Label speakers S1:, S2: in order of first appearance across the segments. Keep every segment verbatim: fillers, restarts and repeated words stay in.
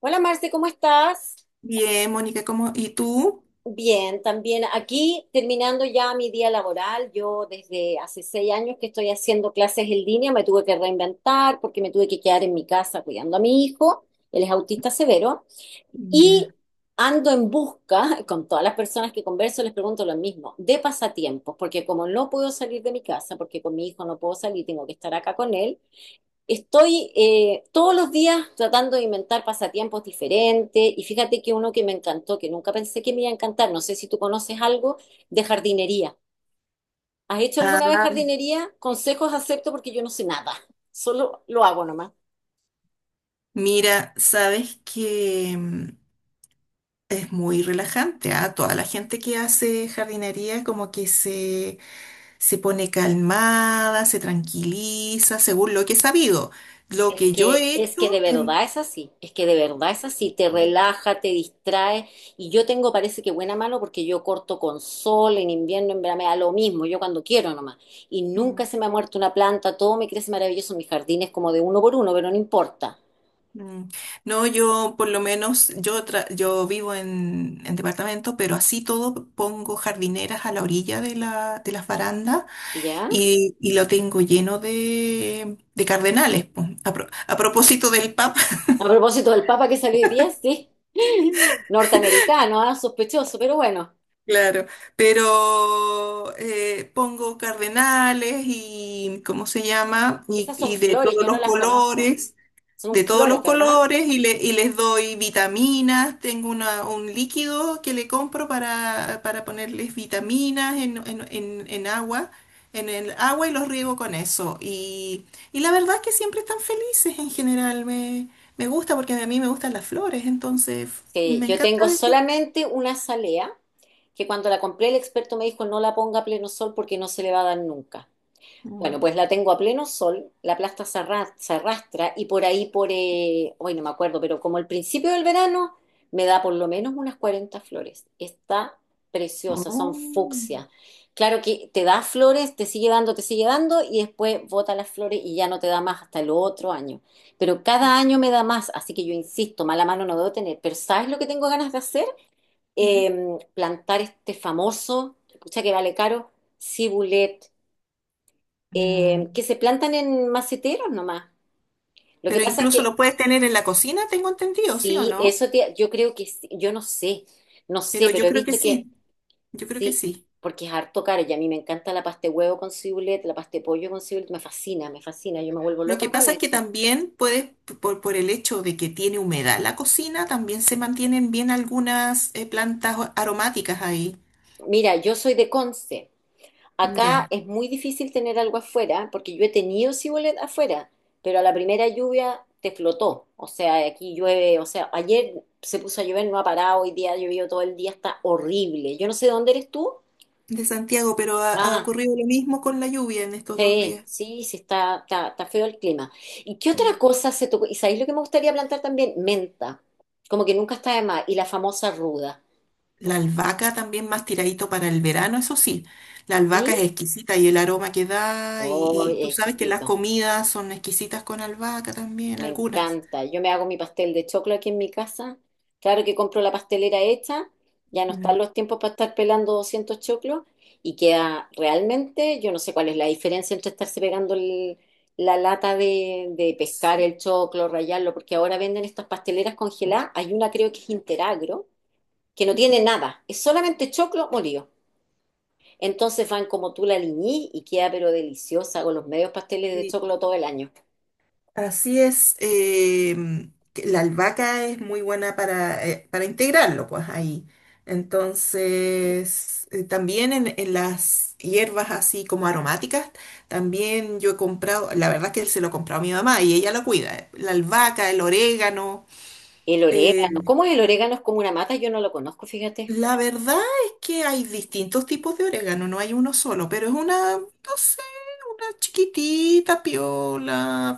S1: Hola Marce, ¿cómo estás?
S2: Bien, Mónica, ¿cómo? ¿Y tú?
S1: Bien, también aquí terminando ya mi día laboral. Yo desde hace seis años que estoy haciendo clases en línea, me tuve que reinventar porque me tuve que quedar en mi casa cuidando a mi hijo, él es autista severo, y
S2: Ya.
S1: ando en busca, con todas las personas que converso les pregunto lo mismo, de pasatiempos, porque como no puedo salir de mi casa, porque con mi hijo no puedo salir, tengo que estar acá con él. Estoy eh, todos los días tratando de inventar pasatiempos diferentes y fíjate que uno que me encantó, que nunca pensé que me iba a encantar, no sé si tú conoces algo de jardinería. ¿Has hecho
S2: Ah,
S1: alguna vez jardinería? Consejos acepto porque yo no sé nada, solo lo hago nomás.
S2: mira, sabes que mm, es muy relajante, ¿ah? Toda la gente que hace jardinería como que se, se pone calmada, se tranquiliza, según lo que he sabido. Lo
S1: Es
S2: que yo
S1: que,
S2: he
S1: es que de
S2: hecho... em,
S1: verdad es así, es que de verdad es así, te relaja, te distrae y yo tengo parece que buena mano porque yo corto con sol, en invierno, en verano, me da lo mismo, yo cuando quiero nomás y nunca
S2: mm,
S1: se me ha muerto una planta, todo me crece maravilloso, mis jardines como de uno por uno, pero no importa,
S2: mm, no, yo por lo menos, yo, tra- yo vivo en, en departamento, pero así todo pongo jardineras a la orilla de la, de las barandas.
S1: ¿ya?
S2: Y, y lo tengo lleno de, de cardenales, po. A, pro- a propósito del Papa,
S1: A propósito del Papa que salió hoy día, sí, norteamericano, ah, sospechoso, pero bueno,
S2: claro, pero eh, pongo cardenales y, ¿cómo se llama? Y,
S1: esas son
S2: y de
S1: flores,
S2: todos
S1: yo no
S2: los
S1: las conozco,
S2: colores. De
S1: son
S2: todos
S1: flores,
S2: los
S1: ¿verdad?
S2: colores y, le- y les doy vitaminas. Tengo una- un líquido que le compro para, para ponerles vitaminas en, en- en- en agua, en el agua y los riego con eso. Y, y la verdad es que siempre están felices en general. Me, me gusta porque a mí me gustan las flores, entonces
S1: Sí,
S2: me
S1: yo
S2: encanta
S1: tengo
S2: de ti.
S1: solamente una azalea que cuando la compré el experto me dijo no la ponga a pleno sol porque no se le va a dar nunca. Bueno,
S2: Mm.
S1: pues la tengo a pleno sol, la plasta se arra- se arrastra y por ahí, por, eh, hoy no me acuerdo, pero como el principio del verano, me da por lo menos unas cuarenta flores. Está preciosa, son
S2: Oh.
S1: fucsia. Claro que te da flores, te sigue dando, te sigue dando y después bota las flores y ya no te da más hasta el otro año. Pero cada año me da más, así que yo insisto, mala mano no debo tener. Pero ¿sabes lo que tengo ganas de hacer?
S2: Mm.
S1: eh, plantar este famoso, escucha que vale caro, cibulet,
S2: Mm.
S1: eh, que se plantan en maceteros nomás. Lo que
S2: Pero
S1: pasa es
S2: incluso
S1: que
S2: lo puedes tener en la cocina, tengo entendido, ¿sí o
S1: sí,
S2: no?
S1: eso te- yo creo que sí, yo no sé, no sé,
S2: Pero
S1: pero
S2: yo
S1: he
S2: creo que
S1: visto que
S2: sí, yo creo que
S1: sí,
S2: sí.
S1: porque es harto caro y a mí me encanta la pasta de huevo con cibulet, la pasta de pollo con cibulet, me fascina, me fascina, yo me vuelvo
S2: Lo
S1: loca
S2: que
S1: con
S2: pasa es que
S1: eso.
S2: también puede, por, por el hecho de que tiene humedad la cocina, también se mantienen bien algunas eh, plantas o- aromáticas ahí.
S1: Mira, yo soy de Conce. Acá
S2: Ya,
S1: es muy difícil tener algo afuera, porque yo he tenido cibulet afuera, pero a la primera lluvia te flotó. O sea, aquí llueve, o sea, ayer se puso a llover, no ha parado, hoy día ha llovido todo el día, está horrible. Yo no sé dónde eres tú.
S2: de Santiago, pero ha, ha
S1: Ah,
S2: ocurrido lo mismo con la lluvia en estos dos
S1: sí,
S2: días.
S1: sí, sí, está, está, está feo el clima. ¿Y qué otra
S2: Mm.
S1: cosa se tocó? ¿Y sabéis lo que me gustaría plantar también? Menta, como que nunca está de más, y la famosa ruda,
S2: La albahaca también más tiradito para el verano, eso sí. La albahaca es
S1: ¿sí?
S2: exquisita y el aroma que da, y,
S1: Oh,
S2: y tú sabes que las
S1: exquisito.
S2: comidas son exquisitas con albahaca también,
S1: Me
S2: algunas.
S1: encanta. Yo me hago mi pastel de choclo aquí en mi casa. Claro que compro la pastelera hecha. Ya no
S2: Mm.
S1: están los tiempos para estar pelando doscientos choclos. Y queda realmente, yo no sé cuál es la diferencia entre estarse pegando el- la lata de, de pescar el choclo, rallarlo, porque ahora venden estas pasteleras congeladas. Hay una creo que es Interagro, que no tiene nada. Es solamente choclo molido. Entonces van como tú la liñí y queda pero deliciosa con los medios pasteles de
S2: Sí.
S1: choclo todo el año.
S2: Así es, em, que la albahaca es muy buena para, eh, para integrarlo, pues ahí. Entonces, eh, también en, en las hierbas así como aromáticas, también yo he comprado, la verdad es que se lo he comprado a mi mamá y ella lo cuida, eh, la albahaca, el orégano.
S1: El
S2: eh,
S1: orégano. ¿Cómo es el orégano? Es como una mata, yo no lo conozco, fíjate.
S2: la verdad es que hay distintos tipos de orégano, no hay uno solo, pero es una, no sé, una chiquitita, piola,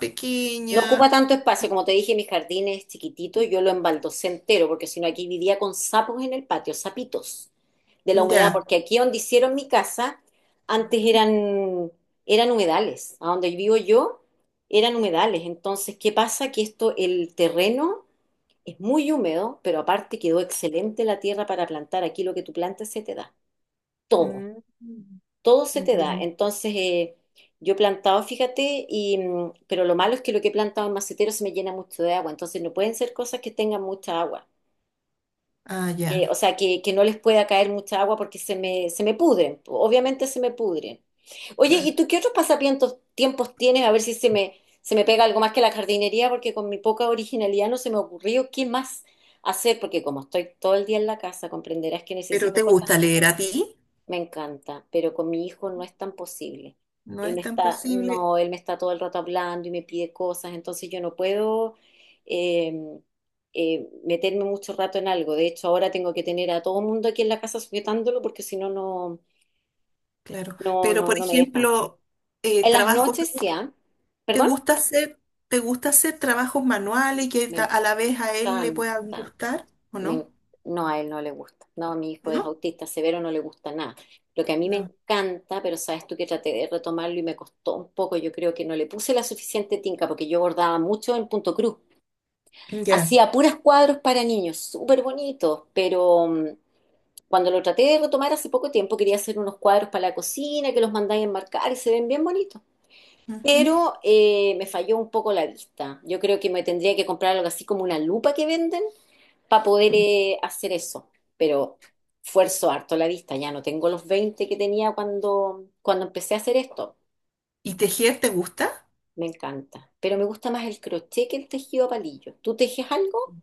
S1: No ocupa
S2: pequeña,
S1: tanto espacio, como te dije, mi jardín es chiquitito, yo lo embaldosé entero, porque si no aquí vivía con sapos en el patio, sapitos de la humedad,
S2: ya.
S1: porque aquí donde hicieron mi casa, antes eran, eran humedales, a donde vivo yo eran humedales. Entonces, ¿qué pasa? Que esto, el terreno es muy húmedo, pero aparte quedó excelente la tierra para plantar. Aquí lo que tú plantas se te da, todo.
S2: Mm.
S1: Todo se te da.
S2: Ya.
S1: Entonces, eh, yo he plantado, fíjate, y, mm, pero lo malo es que lo que he plantado en macetero se me llena mucho de agua. Entonces, no pueden ser cosas que tengan mucha agua.
S2: Ah,
S1: Que,
S2: ya,
S1: o sea, que, que no les pueda caer mucha agua porque se me, se me pudren. Obviamente se me pudren. Oye,
S2: claro.
S1: ¿y tú qué otros pasatiempos tiempos tienes? A ver si se me, se me pega algo más que la jardinería, porque con mi poca originalidad no se me ocurrió qué más hacer, porque como estoy todo el día en la casa, comprenderás que
S2: Pero
S1: necesito
S2: ¿te
S1: cosas.
S2: gusta leer a ti?
S1: Me encanta, pero con mi hijo no es tan posible.
S2: No
S1: Él me
S2: es tan
S1: está,
S2: posible,
S1: no, él me está todo el rato hablando y me pide cosas, entonces yo no puedo eh, eh, meterme mucho rato en algo. De hecho, ahora tengo que tener a todo el mundo aquí en la casa sujetándolo porque si no, no,
S2: claro.
S1: no,
S2: Pero,
S1: no,
S2: por
S1: no me deja.
S2: ejemplo, eh,
S1: En las
S2: trabajos, ¿te
S1: noches
S2: gu-
S1: ya,
S2: ¿te
S1: perdón,
S2: gusta hacer, te gusta hacer trabajos manuales que
S1: me
S2: ta- a la vez a él le puedan
S1: encanta.
S2: gustar o
S1: me-
S2: no?
S1: no, a él no le gusta. No, mi hijo es
S2: ¿No?
S1: autista severo, no le gusta nada. Lo que a mí me
S2: No.
S1: encanta, pero sabes tú que traté de retomarlo y me costó un poco, yo creo que no le puse la suficiente tinca porque yo bordaba mucho en punto cruz.
S2: Ya.
S1: Hacía puras cuadros para niños, súper bonitos, pero mm, cuando lo traté de retomar hace poco tiempo, quería hacer unos cuadros para la cocina que los mandáis a enmarcar y se ven bien bonitos.
S2: Ujú.
S1: Pero eh, me falló un poco la vista. Yo creo que me tendría que comprar algo así como una lupa que venden para poder
S2: Mm.
S1: eh, hacer eso. Pero fuerzo harto la vista, ya no tengo los veinte que tenía cuando, cuando empecé a hacer esto.
S2: ¿Y tejer te gusta?
S1: Me encanta. Pero me gusta más el crochet que el tejido a palillo. ¿Tú tejes algo?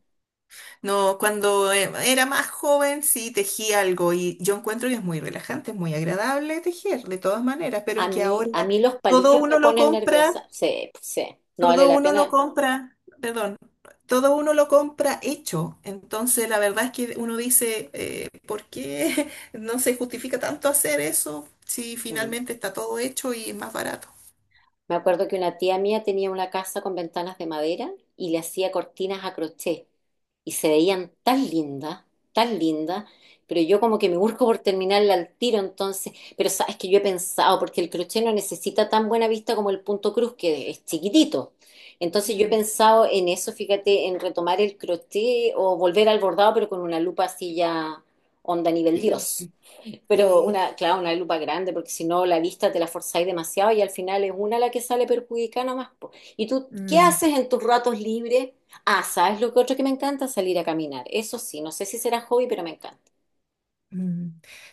S2: No, cuando eh, era más joven sí tejí algo y yo encuentro que es muy relajante, es muy agradable tejer, de todas maneras, pero
S1: A
S2: es que
S1: mí,
S2: ahora
S1: a mí los
S2: todo
S1: palillos me
S2: uno lo
S1: ponen nerviosa.
S2: compra.
S1: Sí, pues, sí. No vale
S2: Todo
S1: la
S2: uno lo
S1: pena.
S2: compra, perdón, todo uno lo compra hecho. Entonces, la verdad es que uno dice, eh, ¿por qué no se justifica tanto hacer eso si
S1: Mm.
S2: finalmente está todo hecho y es más barato?
S1: Me acuerdo que una tía mía tenía una casa con ventanas de madera y le hacía cortinas a crochet y se veían tan lindas, tan lindas, pero yo como que me busco por terminarla al tiro entonces, pero sabes que yo he pensado, porque el crochet no necesita tan buena vista como el punto cruz, que es chiquitito. Entonces yo he
S2: Mm,
S1: pensado en eso, fíjate, en retomar el crochet o volver al bordado, pero con una lupa así ya onda nivel Dios.
S2: gigante,
S1: Pero
S2: sí.
S1: una, claro, una lupa grande, porque si no la vista te la forzáis demasiado y al final es una la que sale perjudicada nomás. Po. ¿Y tú qué
S2: Mm,
S1: haces en tus ratos libres? Ah, ¿sabes lo que otro que me encanta? Salir a caminar. Eso sí, no sé si será hobby, pero me encanta.
S2: mm.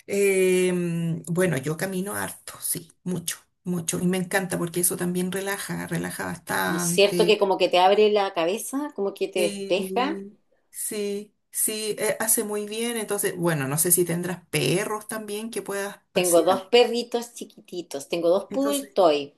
S2: Em, bueno, yo camino harto, sí, mucho, mucho. Y me encanta porque eso también relaja, relaja
S1: ¿No es cierto que
S2: bastante.
S1: como que te abre la cabeza, como que te despeja?
S2: Sí, sí, sí, eh, hace muy bien. Entonces, bueno, no sé si tendrás perros también que puedas
S1: Tengo dos
S2: pasear.
S1: perritos chiquititos, tengo dos poodle
S2: Entonces,
S1: toy.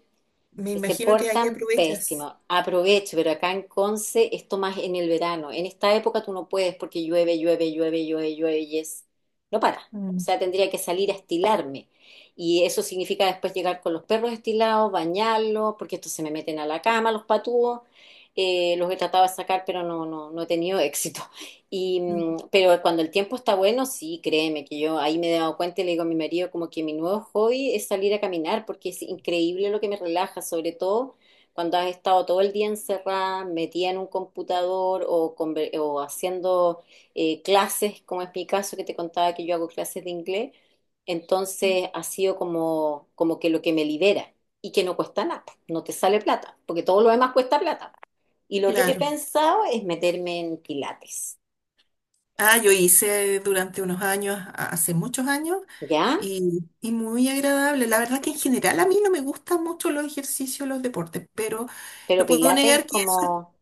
S2: me
S1: Se
S2: imagino que ahí
S1: portan
S2: aprovechas.
S1: pésimo. Aproveche, pero acá en Conce esto más en el verano. En esta época tú no puedes porque llueve, llueve, llueve, llueve, llueve y es... No para. O
S2: Mm,
S1: sea, tendría que salir a estilarme. Y eso significa después llegar con los perros estilados, bañarlos, porque estos se me meten a la cama, los patúos. Eh, los he tratado de sacar, pero no, no, no he tenido éxito. Y,
S2: mm,
S1: mm, pero cuando el tiempo está bueno, sí, créeme que yo ahí me he dado cuenta y le digo a mi marido como que mi nuevo hobby es salir a caminar porque es increíble lo que me relaja, sobre todo cuando has estado todo el día encerrada, metida en un computador o, conver- o haciendo eh, clases, como es mi caso que te contaba que yo hago clases de inglés. Entonces ha sido como, como que lo que me libera y que no cuesta nada, no te sale plata, porque todo lo demás cuesta plata. Y lo otro que he
S2: claro.
S1: pensado es meterme en pilates.
S2: Ah, yo hice durante unos años, a- hace muchos años,
S1: ¿Ya?
S2: y, y muy agradable. La verdad que en general a mí no me gustan mucho los ejercicios, los deportes, pero
S1: Pero
S2: no puedo
S1: Pilates
S2: negar.
S1: es como,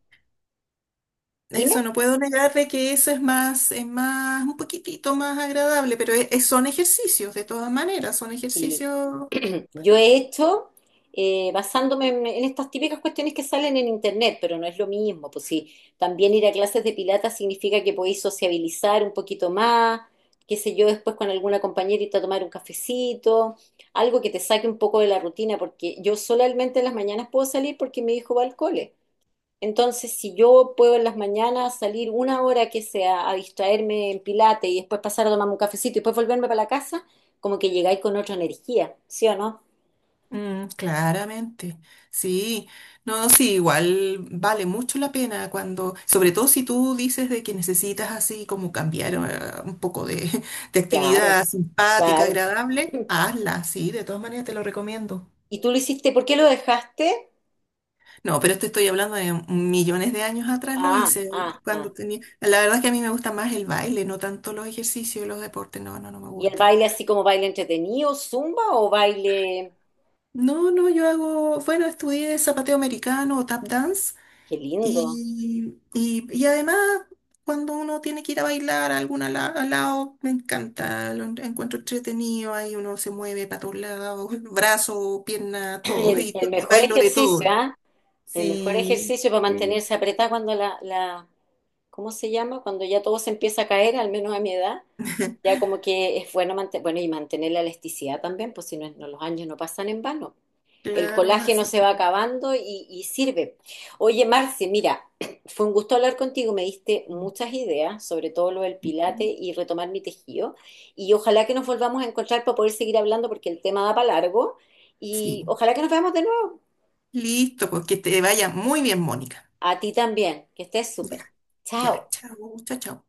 S1: dime,
S2: Eso no puedo negar de que eso es más, es más, un poquitito más agradable, pero e- e- son ejercicios, de todas maneras, son
S1: si
S2: ejercicios,
S1: yo he hecho eh, basándome en, en estas típicas cuestiones que salen en internet, pero no es lo mismo, pues sí, también ir a clases de Pilates significa que podéis sociabilizar un poquito más, qué sé yo, después con alguna compañerita tomar un cafecito, algo que te saque un poco de la rutina, porque yo solamente en las mañanas puedo salir porque mi hijo va al cole. Entonces, si yo puedo en las mañanas salir una hora que sea a distraerme en Pilates y después pasar a tomarme un cafecito y después volverme para la casa, como que llegáis con otra energía, ¿sí o no?
S2: mm, claramente. Sí, no, sí, igual vale mucho la pena cuando, sobre todo si tú dices de que necesitas así como cambiar eh, un poco de, de
S1: Claro,
S2: actividad simpática,
S1: claro.
S2: agradable, hazla, sí, de todas maneras te lo recomiendo.
S1: ¿Y tú lo hiciste? ¿Por qué lo dejaste?
S2: No, pero te estoy hablando de millones de años atrás lo
S1: Ah,
S2: hice
S1: ah,
S2: cuando
S1: ah.
S2: tenía. La verdad es que a mí me gusta más el baile, no tanto los ejercicios, y los deportes. No, no, no me
S1: ¿Y el
S2: gusta.
S1: baile así como baile entretenido, zumba o baile?
S2: No, no, yo hago, bueno, estudié zapateo americano o tap dance
S1: Qué lindo.
S2: y, y, y además cuando uno tiene que ir a bailar a algún ala- al lado, me encanta, lo en- encuentro entretenido, ahí uno se mueve para todos lados, brazo, pierna, todo,
S1: El,
S2: y, to-
S1: el
S2: y
S1: mejor
S2: bailo de
S1: ejercicio,
S2: todo.
S1: ¿ah? El mejor
S2: Sí,
S1: ejercicio para
S2: sí.
S1: mantenerse apretada cuando la, la, ¿cómo se llama? Cuando ya todo se empieza a caer, al menos a mi edad. Ya como que es bueno, mante- bueno y mantener la elasticidad también, pues si no, no los años no pasan en vano. El
S2: Claro,
S1: colágeno
S2: así
S1: se va
S2: que.
S1: acabando y, y sirve. Oye, Marce, mira, fue un gusto hablar contigo, me diste
S2: Mm.
S1: muchas ideas, sobre todo lo del pilate y retomar mi tejido. Y ojalá que nos volvamos a encontrar para poder seguir hablando porque el tema da para largo. Y
S2: Sí.
S1: ojalá que nos veamos de nuevo.
S2: Listo, pues que te vaya muy bien, Mónica.
S1: A ti también, que estés súper.
S2: Ya,
S1: Chao.
S2: ya. Chao, chao, chao.